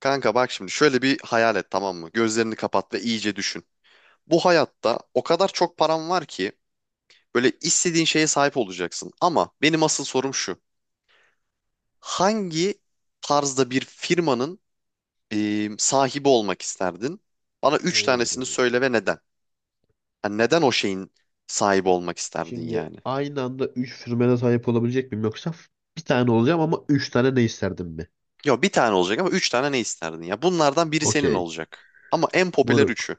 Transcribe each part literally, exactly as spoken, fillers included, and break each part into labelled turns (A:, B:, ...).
A: Kanka bak şimdi şöyle bir hayal et, tamam mı? Gözlerini kapat ve iyice düşün. Bu hayatta o kadar çok param var ki böyle istediğin şeye sahip olacaksın. Ama benim asıl sorum şu. Hangi tarzda bir firmanın e, sahibi olmak isterdin? Bana üç tanesini
B: Oo.
A: söyle ve neden? Yani neden o şeyin sahibi olmak isterdin
B: Şimdi
A: yani?
B: aynı anda üç sürmene sahip olabilecek miyim, yoksa bir tane olacağım ama üç tane ne isterdim mi?
A: Yok, bir tane olacak ama üç tane ne isterdin ya? Bunlardan biri senin
B: Okey.
A: olacak. Ama en popüler
B: Moruk.
A: üçü.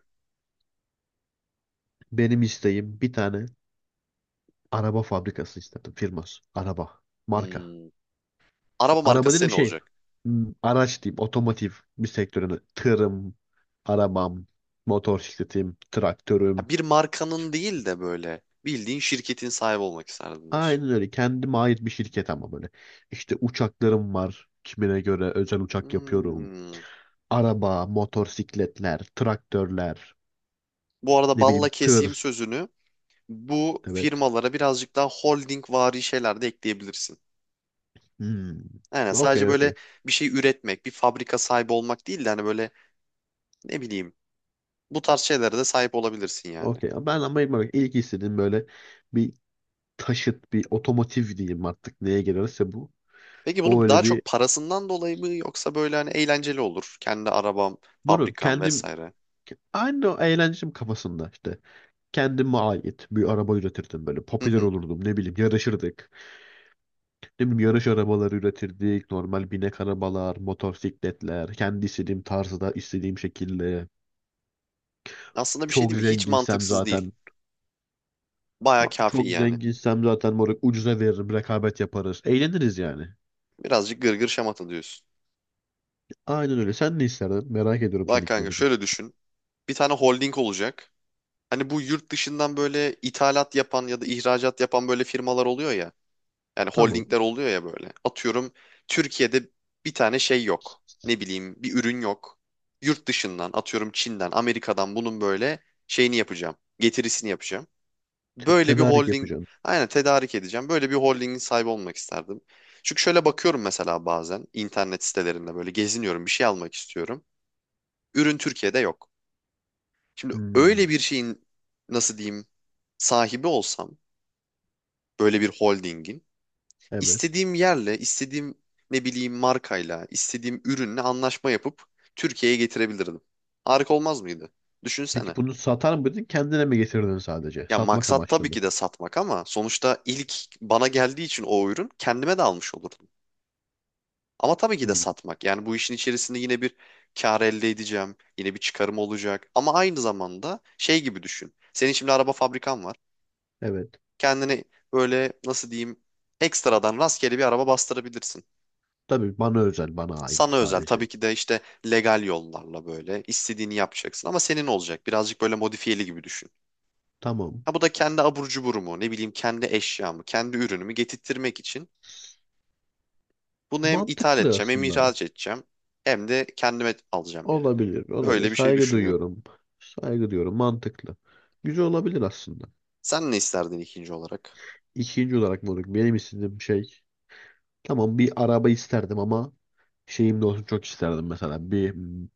B: Benim isteğim bir tane araba fabrikası isterdim. Firması. Araba. Marka.
A: Hmm. Araba
B: Araba
A: markası
B: dedim
A: senin
B: şey
A: olacak.
B: hmm, araç diyeyim, otomotiv bir sektörüne tırım, arabam, motor sikletim,
A: Ha,
B: traktörüm.
A: bir markanın değil de böyle bildiğin şirketin sahibi olmak isterdim diyorsun.
B: Aynen öyle, kendime ait bir şirket ama böyle. İşte uçaklarım var, kimine göre özel uçak yapıyorum.
A: Hmm.
B: Araba, motorsikletler, traktörler,
A: Bu arada
B: ne bileyim
A: balla keseyim
B: tır.
A: sözünü. Bu
B: Evet.
A: firmalara birazcık daha holding vari şeyler de ekleyebilirsin.
B: Hmm.
A: Yani
B: Okey,
A: sadece böyle
B: okey.
A: bir şey üretmek, bir fabrika sahibi olmak değil de hani böyle ne bileyim bu tarz şeylere de sahip olabilirsin yani.
B: Okey. Ben ama bak, ilk istediğim böyle bir taşıt, bir otomotiv diyeyim, artık neye gelirse bu.
A: Peki
B: O
A: bunu daha
B: öyle bir...
A: çok parasından dolayı mı yoksa böyle hani eğlenceli olur. Kendi arabam,
B: Moruk
A: fabrikam
B: kendim...
A: vesaire.
B: Aynı o eğlencem kafasında işte. Kendime ait bir araba üretirdim böyle.
A: Hı
B: Popüler
A: hı.
B: olurdum, ne bileyim, yarışırdık. Ne bileyim, yarış arabaları üretirdik. Normal binek arabalar, motosikletler. Kendi istediğim tarzda, istediğim şekilde.
A: Aslında bir şey değil
B: Çok
A: mi? Hiç
B: zenginsem
A: mantıksız değil.
B: zaten.
A: Baya
B: ma-
A: kafi
B: Çok
A: yani.
B: zenginsem zaten moruk, ucuza veririm. Rekabet yaparız. Eğleniriz yani.
A: Birazcık gırgır şamata diyorsun.
B: Aynen öyle. Sen ne isterdin? Merak ediyorum
A: Bak kanka,
B: seninkileri de.
A: şöyle düşün. Bir tane holding olacak. Hani bu yurt dışından böyle ithalat yapan ya da ihracat yapan böyle firmalar oluyor ya. Yani
B: Tamam.
A: holdingler oluyor ya böyle. Atıyorum Türkiye'de bir tane şey yok. Ne bileyim bir ürün yok. Yurt dışından atıyorum Çin'den, Amerika'dan bunun böyle şeyini yapacağım. Getirisini yapacağım.
B: Te-
A: Böyle bir
B: tedarik
A: holding,
B: yapacağım.
A: aynen tedarik edeceğim. Böyle bir holdingin sahibi olmak isterdim. Çünkü şöyle bakıyorum, mesela bazen internet sitelerinde böyle geziniyorum, bir şey almak istiyorum. Ürün Türkiye'de yok. Şimdi öyle
B: Hmm,
A: bir şeyin nasıl diyeyim sahibi olsam, böyle bir holdingin,
B: evet.
A: istediğim yerle, istediğim ne bileyim markayla, istediğim ürünle anlaşma yapıp Türkiye'ye getirebilirdim. Harika olmaz mıydı? Düşünsene.
B: Peki bunu satar mıydın? Kendine mi getirdin sadece?
A: Ya
B: Satmak
A: maksat
B: amaçlı
A: tabii
B: mı?
A: ki de satmak ama sonuçta ilk bana geldiği için o ürün kendime de almış olurdum. Ama tabii ki de
B: Hmm.
A: satmak. Yani bu işin içerisinde yine bir kar elde edeceğim. Yine bir çıkarım olacak. Ama aynı zamanda şey gibi düşün. Senin şimdi araba fabrikan var.
B: Evet.
A: Kendini böyle nasıl diyeyim ekstradan rastgele bir araba bastırabilirsin.
B: Tabii, bana özel, bana ait
A: Sana özel
B: sadece.
A: tabii ki de, işte legal yollarla böyle istediğini yapacaksın ama senin olacak. Birazcık böyle modifiyeli gibi düşün.
B: Tamam.
A: Ha, bu da kendi abur cuburumu, ne bileyim kendi eşyamı, kendi ürünümü getirtmek için bunu hem ithal
B: Mantıklı
A: edeceğim hem
B: aslında.
A: ihraç edeceğim hem de kendime alacağım yani.
B: Olabilir, olabilir.
A: Böyle bir şey
B: Saygı
A: düşünüyorum.
B: duyuyorum. Saygı duyuyorum. Mantıklı. Güzel olabilir aslında.
A: Sen ne isterdin ikinci olarak?
B: İkinci olarak moruk, benim istediğim şey, tamam bir araba isterdim ama şeyim de olsun çok isterdim, mesela bir mm,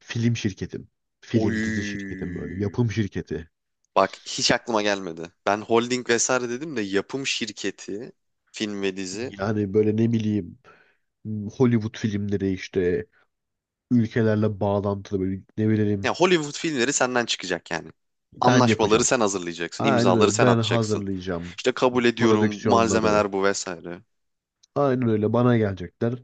B: film şirketim. Film, dizi şirketim, böyle
A: Oy.
B: yapım şirketi.
A: Bak, hiç aklıma gelmedi. Ben holding vesaire dedim de, yapım şirketi, film ve dizi.
B: Yani böyle ne bileyim, mm, Hollywood filmleri işte, ülkelerle bağlantılı böyle, ne bileyim,
A: Ya Hollywood filmleri senden çıkacak yani.
B: ben
A: Anlaşmaları
B: yapacağım.
A: sen hazırlayacaksın,
B: Aynen
A: imzaları
B: öyle.
A: sen
B: Ben
A: atacaksın.
B: hazırlayacağım
A: İşte kabul ediyorum,
B: prodüksiyonları.
A: malzemeler bu vesaire.
B: Aynen öyle. Bana gelecekler.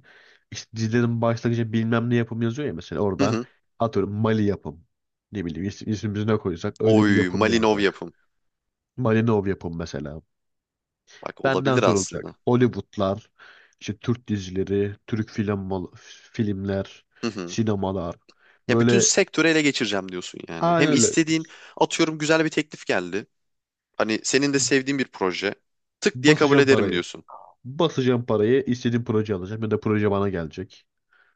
B: İşte dizilerin başlangıcı bilmem ne yapım yazıyor ya, mesela
A: Hı
B: orada
A: hı.
B: atıyorum Mali yapım. Ne bileyim, is ismimizi ne koysak öyle bir
A: Oy,
B: yapım
A: Malinov
B: yazacak.
A: yapım.
B: Malinov yapım mesela.
A: Bak
B: Benden
A: olabilir
B: sorulacak.
A: aslında.
B: Hollywoodlar, işte Türk dizileri, Türk film filmler,
A: Hı hı.
B: sinemalar.
A: Ya bütün
B: Böyle,
A: sektörü ele geçireceğim diyorsun yani. Hem
B: aynen öyle.
A: istediğin, atıyorum güzel bir teklif geldi. Hani senin de sevdiğin bir proje. Tık diye kabul
B: Basacağım
A: ederim
B: parayı.
A: diyorsun.
B: Basacağım parayı, istediğim proje alacağım ya da proje bana gelecek.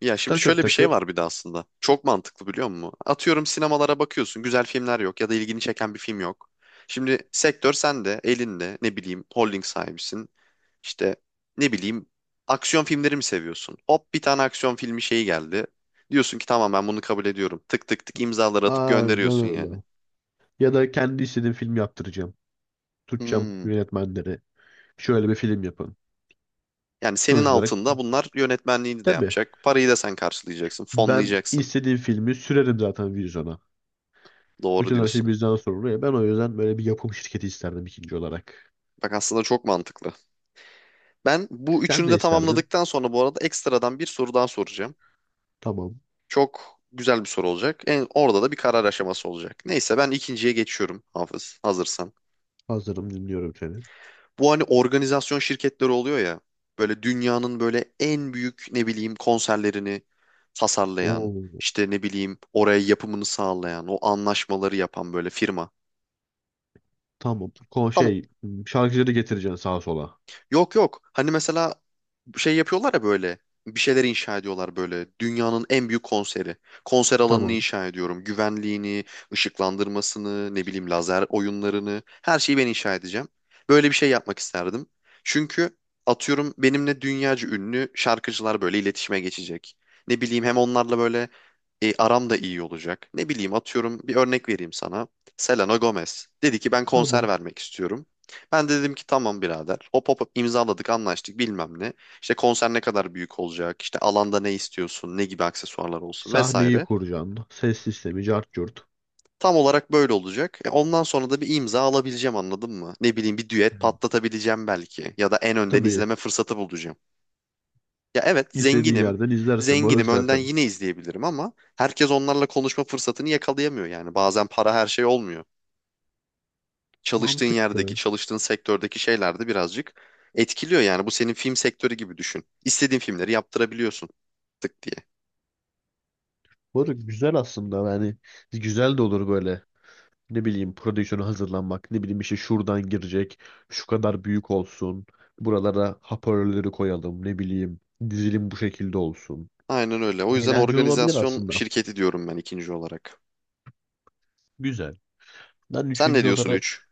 A: Ya şimdi
B: Takır
A: şöyle bir şey
B: takır.
A: var bir de aslında. Çok mantıklı biliyor musun? Atıyorum sinemalara bakıyorsun. Güzel filmler yok ya da ilgini çeken bir film yok. Şimdi sektör sende, elinde ne bileyim holding sahibisin. İşte ne bileyim aksiyon filmleri mi seviyorsun? Hop, bir tane aksiyon filmi şeyi geldi. Diyorsun ki tamam, ben bunu kabul ediyorum. Tık tık tık imzaları atıp gönderiyorsun
B: Aynen
A: yani.
B: öyle. Ya da kendi istediğim film yaptıracağım. Tutacağım
A: Hmm.
B: yönetmenleri. Şöyle bir film yapın.
A: Yani senin
B: Sonuç olarak
A: altında bunlar yönetmenliğini de
B: tabii,
A: yapacak. Parayı da sen karşılayacaksın,
B: ben
A: fonlayacaksın.
B: istediğim filmi sürerim zaten vizyona.
A: Doğru
B: Bütün her şey
A: diyorsun.
B: bizden sorumlu ya. Ben o yüzden böyle bir yapım şirketi isterdim ikinci olarak.
A: Bak aslında çok mantıklı. Ben bu
B: Sen
A: üçünü
B: ne
A: de
B: isterdin?
A: tamamladıktan sonra bu arada ekstradan bir soru daha soracağım.
B: Tamam.
A: Çok güzel bir soru olacak. En, orada da bir karar aşaması olacak. Neyse, ben ikinciye geçiyorum Hafız, hazırsan.
B: Hazırım, dinliyorum seni.
A: Bu hani organizasyon şirketleri oluyor ya. Böyle dünyanın böyle en büyük ne bileyim konserlerini tasarlayan,
B: Oo.
A: işte ne bileyim oraya yapımını sağlayan, o anlaşmaları yapan böyle firma.
B: Tamam. Ko
A: Tamam.
B: şey Şarkıcıları getireceksin sağa sola.
A: Yok yok. Hani mesela şey yapıyorlar ya böyle. Bir şeyler inşa ediyorlar böyle. Dünyanın en büyük konseri. Konser alanını
B: Tamam.
A: inşa ediyorum. Güvenliğini, ışıklandırmasını, ne bileyim lazer oyunlarını. Her şeyi ben inşa edeceğim. Böyle bir şey yapmak isterdim. Çünkü atıyorum benimle dünyaca ünlü şarkıcılar böyle iletişime geçecek. Ne bileyim hem onlarla böyle e, aram da iyi olacak. Ne bileyim atıyorum bir örnek vereyim sana. Selena Gomez dedi ki ben konser
B: Tamam.
A: vermek istiyorum. Ben de dedim ki tamam birader. Hop hop hop, imzaladık, anlaştık, bilmem ne. İşte konser ne kadar büyük olacak, işte alanda ne istiyorsun, ne gibi aksesuarlar olsun
B: Sahneyi
A: vesaire.
B: kuracaksın. Ses sistemi, cart curt.
A: Tam olarak böyle olacak. E, ondan sonra da bir imza alabileceğim, anladın mı? Ne bileyim bir
B: Hı.
A: düet patlatabileceğim belki, ya da en önden
B: Tabii,
A: izleme fırsatı bulacağım. Ya evet
B: istediğin
A: zenginim,
B: yerden izlersin moruk
A: zenginim, önden
B: zaten.
A: yine izleyebilirim ama herkes onlarla konuşma fırsatını yakalayamıyor yani. Bazen para her şey olmuyor. Çalıştığın yerdeki,
B: Mantıklı.
A: çalıştığın sektördeki şeyler de birazcık etkiliyor yani. Bu senin film sektörü gibi düşün. İstediğin filmleri yaptırabiliyorsun tık diye.
B: Moruk güzel aslında yani, güzel de olur böyle. Ne bileyim, prodüksiyona hazırlanmak. Ne bileyim işte, şuradan girecek. Şu kadar büyük olsun. Buralara hoparlörleri koyalım. Ne bileyim, dizilim bu şekilde olsun.
A: Aynen öyle. O yüzden
B: Eğlenceli olabilir
A: organizasyon
B: aslında.
A: şirketi diyorum ben ikinci olarak.
B: Güzel. Ben
A: Sen ne
B: üçüncü
A: diyorsun
B: olarak,
A: üç?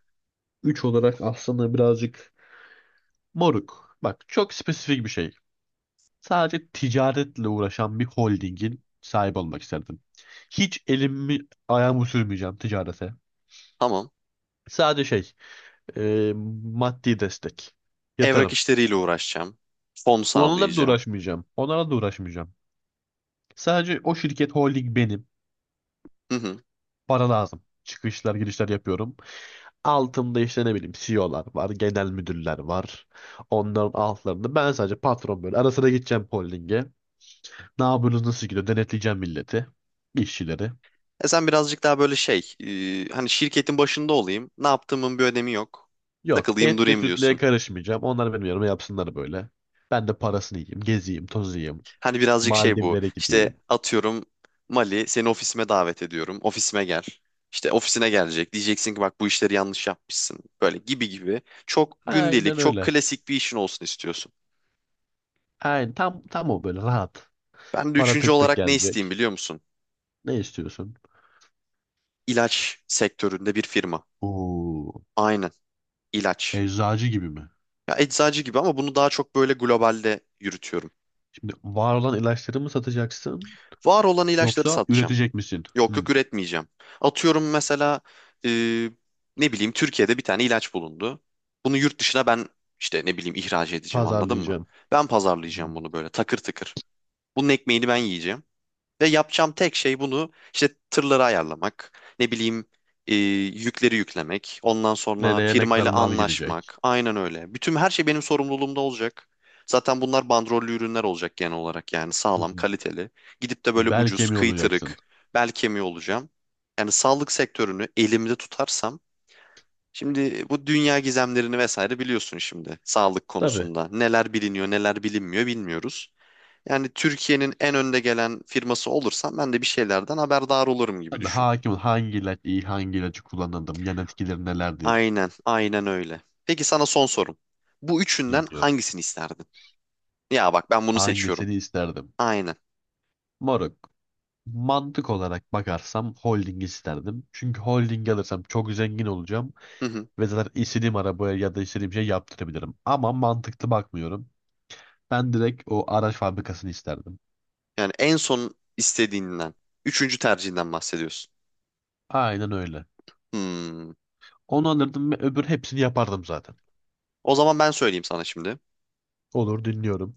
B: üç olarak aslında birazcık... Moruk, bak çok spesifik bir şey. Sadece ticaretle uğraşan bir holdingin sahibi olmak isterdim. Hiç elimi ayağımı sürmeyeceğim ticarete.
A: Tamam.
B: Sadece şey, e, maddi destek.
A: Evrak
B: Yatarım.
A: işleriyle uğraşacağım. Fon
B: Onlarla da
A: sağlayacağım.
B: uğraşmayacağım. Onlarla da uğraşmayacağım. Sadece o şirket, holding benim.
A: Hı hı.
B: Para lazım. Çıkışlar girişler yapıyorum. Altımda işte ne bileyim C E O'lar var, genel müdürler var. Onların altlarında ben sadece patron böyle. Ara sıra gideceğim holdinge. Ne yapıyorsunuz, nasıl gidiyor? Denetleyeceğim milleti, işçileri.
A: E sen birazcık daha böyle şey, e, hani şirketin başında olayım. Ne yaptığımın bir önemi yok.
B: Yok,
A: Takılayım
B: etle
A: durayım
B: sütle
A: diyorsun.
B: karışmayacağım. Onlar benim yanıma yapsınlar böyle. Ben de parasını yiyeyim. Gezeyim, tozayım.
A: Hani birazcık şey bu.
B: Maldivlere
A: İşte
B: gideyim.
A: atıyorum Mali, seni ofisime davet ediyorum. Ofisime gel. İşte ofisine gelecek. Diyeceksin ki bak, bu işleri yanlış yapmışsın. Böyle gibi gibi. Çok gündelik,
B: Aynen
A: çok
B: öyle.
A: klasik bir işin olsun istiyorsun.
B: Aynen tam tam o, böyle rahat.
A: Ben de
B: Para
A: üçüncü
B: tık tık
A: olarak ne isteyeyim
B: gelecek.
A: biliyor musun?
B: Ne istiyorsun?
A: İlaç sektöründe bir firma.
B: Oo,
A: Aynen, ilaç.
B: eczacı gibi mi?
A: Ya eczacı gibi ama bunu daha çok böyle globalde yürütüyorum.
B: Şimdi var olan ilaçları mı satacaksın?
A: Var olan ilaçları
B: Yoksa
A: satacağım.
B: üretecek misin?
A: Yok
B: Hmm,
A: yok, üretmeyeceğim. Atıyorum mesela e, ne bileyim Türkiye'de bir tane ilaç bulundu. Bunu yurt dışına ben işte ne bileyim ihraç edeceğim, anladın mı?
B: pazarlayacağım.
A: Ben
B: Hmm.
A: pazarlayacağım bunu böyle takır tıkır. Bunun ekmeğini ben yiyeceğim. Ve yapacağım tek şey bunu, işte tırları ayarlamak, ne bileyim e, yükleri yüklemek, ondan sonra
B: Nereye ne kadar
A: firmayla
B: mal gidecek?
A: anlaşmak. Aynen öyle. Bütün her şey benim sorumluluğumda olacak. Zaten bunlar bandrollü ürünler olacak genel olarak, yani
B: Hı
A: sağlam,
B: hı.
A: kaliteli. Gidip de böyle
B: Bel
A: ucuz,
B: kemiği olacaksın.
A: kıytırık, bel kemiği olacağım. Yani sağlık sektörünü elimde tutarsam, şimdi bu dünya gizemlerini vesaire biliyorsun şimdi sağlık
B: Tabii.
A: konusunda. Neler biliniyor, neler bilinmiyor bilmiyoruz. Yani Türkiye'nin en önde gelen firması olursam ben de bir şeylerden haberdar olurum gibi
B: Tabii,
A: düşün.
B: hakim ol. Hangi ilaç iyi, hangi ilacı kullanırdım, yan etkileri nelerdir,
A: Aynen, aynen öyle. Peki sana son sorum. Bu üçünden
B: dinliyorum.
A: hangisini isterdin? Ya bak ben bunu seçiyorum.
B: Hangisini isterdim?
A: Aynen.
B: Moruk. Mantık olarak bakarsam holding isterdim. Çünkü holding alırsam çok zengin olacağım
A: Hı hı.
B: ve zaten istediğim arabaya ya da istediğim şey yaptırabilirim. Ama mantıklı bakmıyorum. Ben direkt o araç fabrikasını isterdim.
A: Yani en son istediğinden, üçüncü tercihinden bahsediyorsun.
B: Aynen öyle.
A: Hmm.
B: Onu alırdım ve öbür hepsini yapardım zaten.
A: O zaman ben söyleyeyim sana şimdi.
B: Olur, dinliyorum.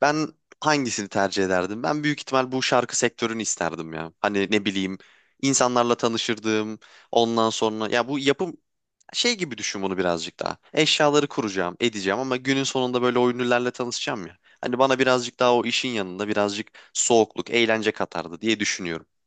A: Ben hangisini tercih ederdim? Ben büyük ihtimal bu şarkı sektörünü isterdim ya. Hani ne bileyim insanlarla tanışırdım. Ondan sonra ya bu yapım, şey gibi düşün bunu birazcık daha. Eşyaları kuracağım, edeceğim ama günün sonunda böyle o ünlülerle tanışacağım ya. Hani bana birazcık daha o işin yanında birazcık soğukluk, eğlence katardı diye düşünüyorum.